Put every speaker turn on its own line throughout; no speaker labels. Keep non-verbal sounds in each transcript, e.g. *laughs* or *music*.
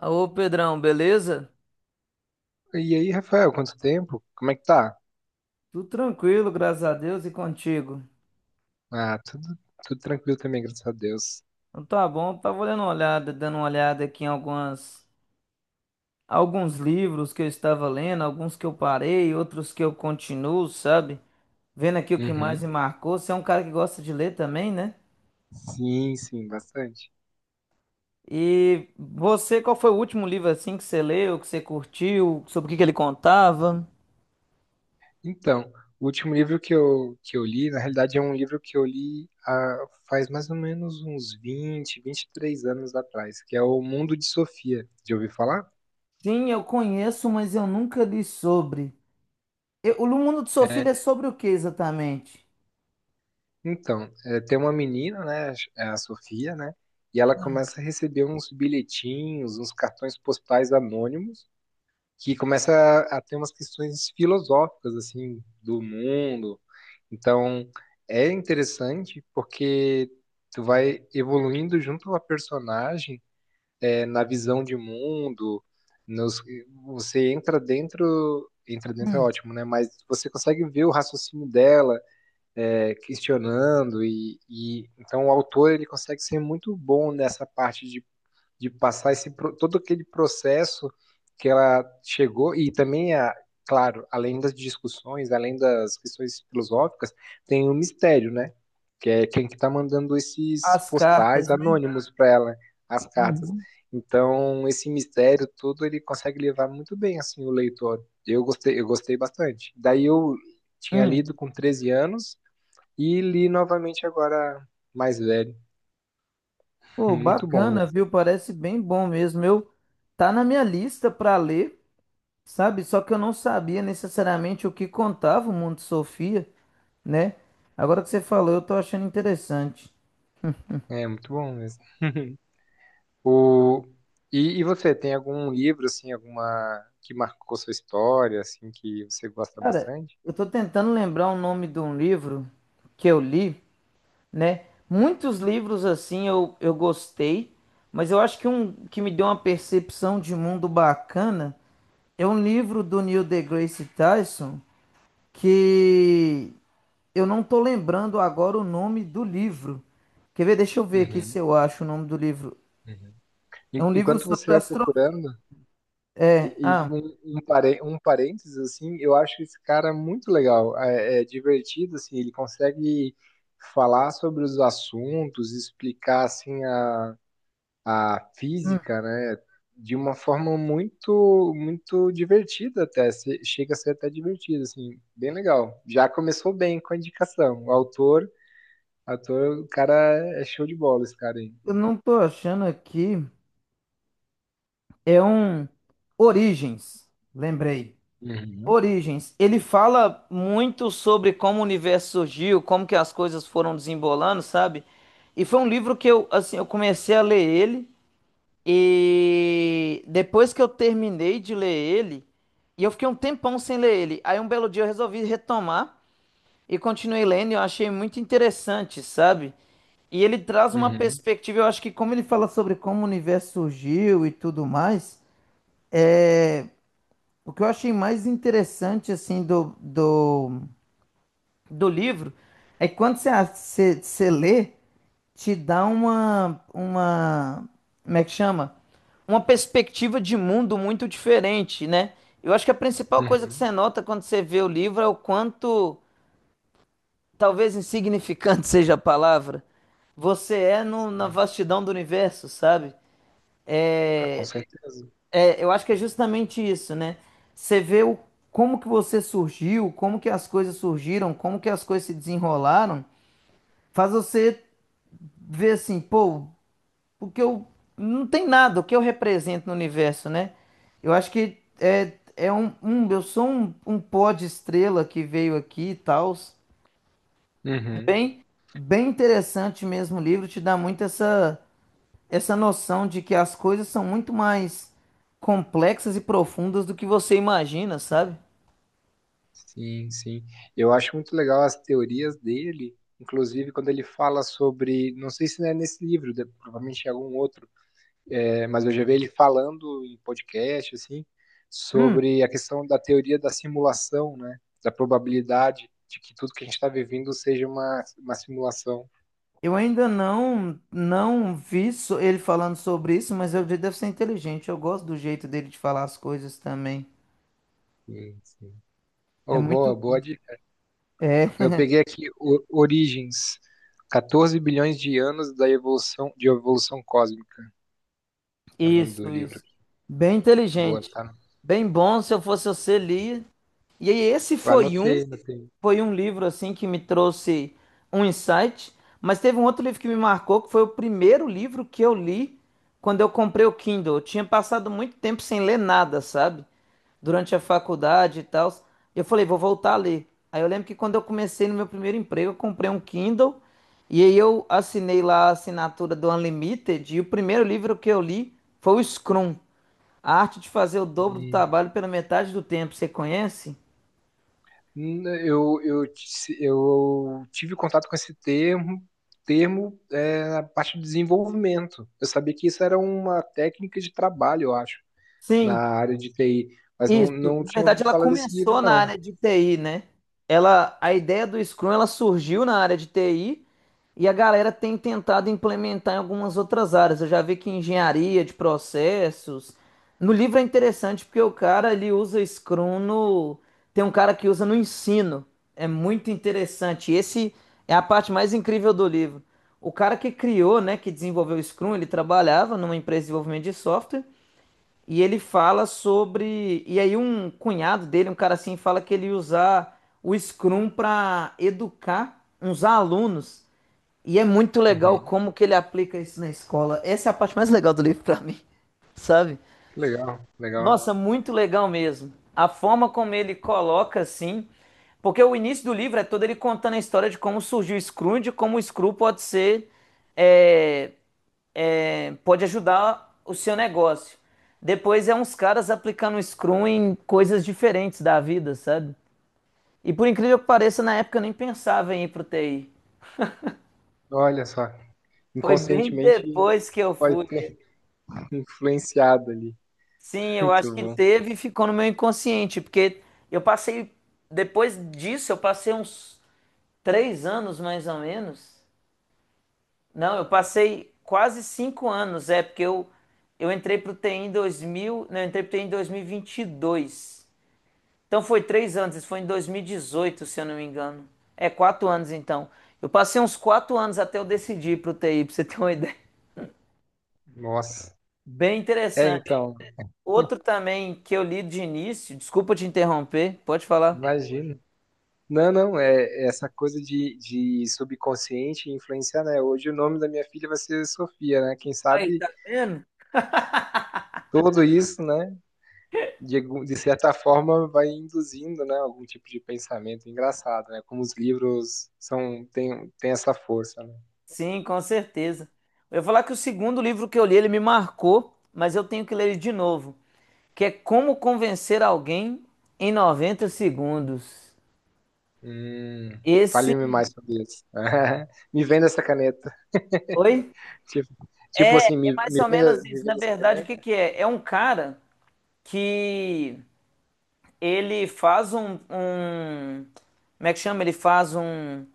Ô Pedrão, beleza?
E aí, Rafael, quanto tempo? Como é que tá?
Tudo tranquilo, graças a Deus e contigo.
Ah, tudo tranquilo também, graças a Deus.
Então tá bom, tava dando uma olhada, aqui em alguns livros que eu estava lendo, alguns que eu parei, outros que eu continuo, sabe? Vendo aqui o que mais me
Uhum.
marcou. Você é um cara que gosta de ler também, né?
Sim, sim, bastante.
E você, qual foi o último livro assim que você leu, que você curtiu, sobre o que que ele contava?
Então, o último livro que eu li, na realidade, é um livro que eu li há, faz mais ou menos uns 20, 23 anos atrás, que é O Mundo de Sofia. Já ouviu falar?
Sim, eu conheço, mas eu nunca li sobre. O Mundo de
É,
Sofia é sobre o que exatamente?
então, tem uma menina, né, é a Sofia, né, e ela começa a receber uns bilhetinhos, uns cartões postais anônimos, que começa a ter umas questões filosóficas assim do mundo. Então é interessante porque tu vai evoluindo junto à personagem na visão de mundo. Nos, você entra dentro é ótimo, né? Mas você consegue ver o raciocínio dela questionando e então o autor ele consegue ser muito bom nessa parte de passar todo aquele processo que ela chegou, e também, claro, além das discussões, além das questões filosóficas, tem o mistério, né? Que é quem que tá mandando esses
As
postais
cartas, né?
anônimos para ela, as cartas.
Uhum.
Então, esse mistério todo ele consegue levar muito bem assim o leitor. Eu gostei bastante. Daí eu tinha
Hum.
lido com 13 anos e li novamente agora mais velho. *laughs*
Pô,
Muito bom
bacana,
mesmo.
viu? Parece bem bom mesmo. Eu Tá na minha lista para ler, sabe? Só que eu não sabia necessariamente o que contava o Mundo de Sofia, né? Agora que você falou, eu tô achando interessante.
É, muito bom mesmo. O... e você, tem algum livro, assim, alguma que marcou sua história, assim, que você gosta
Cara,
bastante?
eu tô tentando lembrar o nome de um livro que eu li, né? Muitos livros assim eu gostei, mas eu acho que um que me deu uma percepção de mundo bacana é um livro do Neil deGrasse Tyson que eu não tô lembrando agora o nome do livro. Quer ver? Deixa eu ver aqui se
Uhum,
eu acho o nome do livro.
uhum.
É um livro
Enquanto você
sobre
vai
astro...
procurando,
É,
e
ah,
um parênteses, assim, eu acho esse cara muito legal, é divertido, assim, ele consegue falar sobre os assuntos, explicar, assim, a
hum,
física, né, de uma forma muito, muito divertida até, chega a ser até divertido, assim, bem legal. Já começou bem com a indicação. O autor, ator, o cara é show de bola, esse cara aí.
eu não tô achando aqui. É um Origens, lembrei.
Uhum,
Origens. Ele fala muito sobre como o universo surgiu, como que as coisas foram desembolando, sabe? E foi um livro que eu, assim, eu comecei a ler ele e depois que eu terminei de ler ele, e eu fiquei um tempão sem ler ele. Aí um belo dia eu resolvi retomar e continuei lendo, e eu achei muito interessante, sabe? E ele traz uma
uhum,
perspectiva, eu acho que como ele fala sobre como o universo surgiu e tudo mais, é o que eu achei mais interessante, assim, do livro é que quando você lê, te dá uma, como é que chama? Uma perspectiva de mundo muito diferente, né? Eu acho que a principal coisa que
uhum,
você nota quando você vê o livro é o quanto, talvez insignificante *laughs* seja a palavra, você é na
sim.
vastidão do universo, sabe?
Ah, com certeza.
É, eu acho que é justamente isso, né? Você vê o, como que você surgiu, como que as coisas surgiram, como que as coisas se desenrolaram, faz você ver assim, pô, o que eu não tem nada, o que eu represento no universo, né? Eu acho que é eu sou um pó de estrela que veio aqui e tal.
Uhum,
Bem, bem interessante mesmo o livro, te dá muito essa noção de que as coisas são muito mais complexas e profundas do que você imagina, sabe?
sim, sim. Eu acho muito legal as teorias dele, inclusive quando ele fala sobre, não sei se não é nesse livro, provavelmente é algum outro, mas eu já vi ele falando em podcast, assim,
Hum,
sobre a questão da teoria da simulação, né? Da probabilidade de que tudo que a gente está vivendo seja uma simulação.
eu ainda não vi ele falando sobre isso, mas ele deve ser inteligente. Eu gosto do jeito dele de falar as coisas também.
Sim, sim.
É
Oh, boa,
muito
boa
bom.
dica.
É,
Eu
*laughs*
peguei aqui Origens, 14 bilhões de anos da evolução de evolução cósmica, é o nome do
isso,
livro
isso.
aqui.
Bem
Boa,
inteligente.
tá?
Bem bom, se eu fosse você, lia. E aí, esse foi um.
Anotei, anotei.
Foi um livro assim que me trouxe um insight, mas teve um outro livro que me marcou, que foi o primeiro livro que eu li quando eu comprei o Kindle. Eu tinha passado muito tempo sem ler nada, sabe? Durante a faculdade e tal. Eu falei, vou voltar a ler. Aí eu lembro que quando eu comecei no meu primeiro emprego, eu comprei um Kindle e aí eu assinei lá a assinatura do Unlimited e o primeiro livro que eu li foi o Scrum, A Arte de Fazer o Dobro do
Hum.
Trabalho pela Metade do Tempo. Você conhece?
Eu tive contato com esse termo, na parte de desenvolvimento. Eu sabia que isso era uma técnica de trabalho, eu acho, na
Sim.
área de TI, mas não,
Isso,
não
na
tinha
verdade
ouvido
ela
falar desse livro,
começou na
não.
área de TI, né? A ideia do Scrum ela surgiu na área de TI e a galera tem tentado implementar em algumas outras áreas. Eu já vi que em engenharia de processos. No livro é interessante porque o cara ele usa Scrum no, tem um cara que usa no ensino. É muito interessante. Esse é a parte mais incrível do livro. O cara que criou, né, que desenvolveu o Scrum, ele trabalhava numa empresa de desenvolvimento de software. E ele fala sobre. E aí, um cunhado dele, um cara assim, fala que ele ia usar o Scrum para educar uns alunos. E é muito legal
Uhum.
como que ele aplica isso na escola. Essa é a parte mais legal do livro para mim, *laughs* sabe?
Legal, legal.
Nossa, muito legal mesmo. A forma como ele coloca assim. Porque o início do livro é todo ele contando a história de como surgiu o Scrum, de como o Scrum pode ser é, pode ajudar o seu negócio. Depois é uns caras aplicando Scrum em coisas diferentes da vida, sabe? E por incrível que pareça, na época eu nem pensava em ir pro TI.
Olha só,
Foi bem
inconscientemente
depois que eu
pode
fui.
ter *laughs* influenciado ali.
Sim, eu acho
Muito
que
bom.
teve e ficou no meu inconsciente, porque eu passei, depois disso, eu passei uns 3 anos mais ou menos. Não, eu passei quase 5 anos, é, porque eu entrei pro TI em 2000, não, eu entrei pro TI em 2022. Então foi 3 anos, isso foi em 2018, se eu não me engano. É, 4 anos então. Eu passei uns 4 anos até eu decidir para o TI, para você ter uma *laughs* ideia.
Nossa.
Bem
É,
interessante.
então,
Outro também que eu li de início, desculpa te interromper, pode falar.
imagina. Não, não, é essa coisa de subconsciente influenciar, né? Hoje o nome da minha filha vai ser Sofia, né? Quem
Aí,
sabe
tá vendo?
tudo isso, né? De certa forma vai induzindo, né? Algum tipo de pensamento engraçado, né? Como os livros são, tem essa força, né?
Sim, com certeza. Eu ia falar que o segundo livro que eu li, ele me marcou, mas eu tenho que ler ele de novo, que é Como Convencer Alguém em 90 Segundos.
Hum,
Esse.
Fale-me mais sobre isso. *laughs* Me venda essa caneta.
Oi?
Tipo, tipo
É,
assim,
é
me,
mais
me
ou menos
venda, me
isso. Na
venda essa
verdade, o
caneta.
que que é? É um cara que ele faz como é que chama? Ele faz um,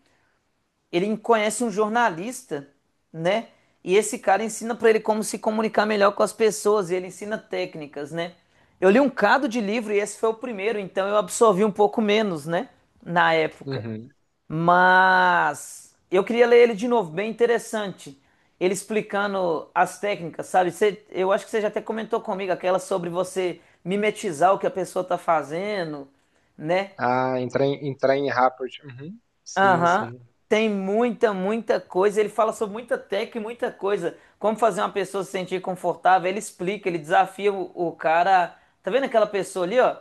ele conhece um jornalista, né? E esse cara ensina pra ele como se comunicar melhor com as pessoas e ele ensina técnicas, né? Eu li um cado de livro e esse foi o primeiro, então eu absorvi um pouco menos, né? Na época.
Uhum.
Mas eu queria ler ele de novo, bem interessante. Ele explicando as técnicas, sabe? Eu acho que você já até comentou comigo aquela sobre você mimetizar o que a pessoa tá fazendo, né?
Ah, entrar em rapport. Uhum. Sim,
Aham.
sim.
Tem muita, muita coisa. Ele fala sobre muita técnica e muita coisa. Como fazer uma pessoa se sentir confortável. Ele explica, ele desafia o cara. Tá vendo aquela pessoa ali, ó?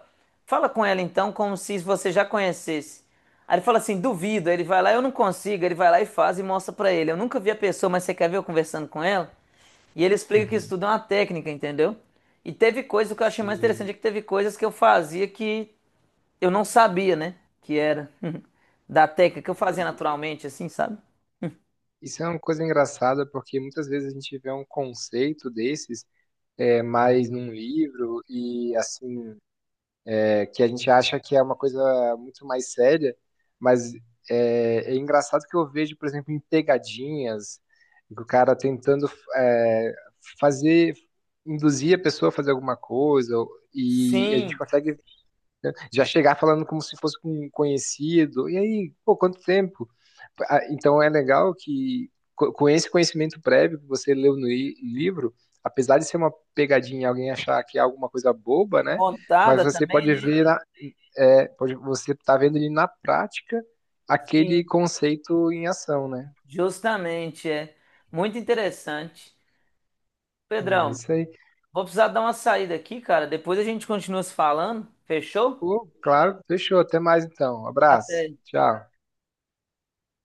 Fala com ela então, como se você já conhecesse. Aí ele fala assim: duvido. Aí ele vai lá, eu não consigo. Aí ele vai lá e faz e mostra pra ele. Eu nunca vi a pessoa, mas você quer ver eu conversando com ela? E ele explica que isso
Uhum.
tudo é uma técnica, entendeu? E teve coisas o que eu achei mais
Sim.
interessante é que teve coisas que eu fazia que eu não sabia, né? Que era *laughs* da técnica que eu fazia naturalmente, assim, sabe?
Isso é uma coisa engraçada, porque muitas vezes a gente vê um conceito desses mais num livro e assim que a gente acha que é uma coisa muito mais séria, mas é engraçado que eu vejo, por exemplo, em pegadinhas, o cara tentando é, fazer, induzir a pessoa a fazer alguma coisa, e a gente
Sim,
consegue já chegar falando como se fosse um conhecido. E aí, pô, quanto tempo? Ah, então é legal que com esse conhecimento prévio que você leu no livro, apesar de ser uma pegadinha, alguém achar que é alguma coisa boba, né? Mas
montada
você
também,
pode
né?
ver, você tá vendo ali na prática aquele
Sim,
conceito em ação, né?
justamente, é. Muito interessante.
Ah, é
Pedrão,
isso aí.
vou precisar dar uma saída aqui, cara. Depois a gente continua se falando. Fechou?
Pô, claro, fechou. Até mais então.
Até.
Abraço. Tchau.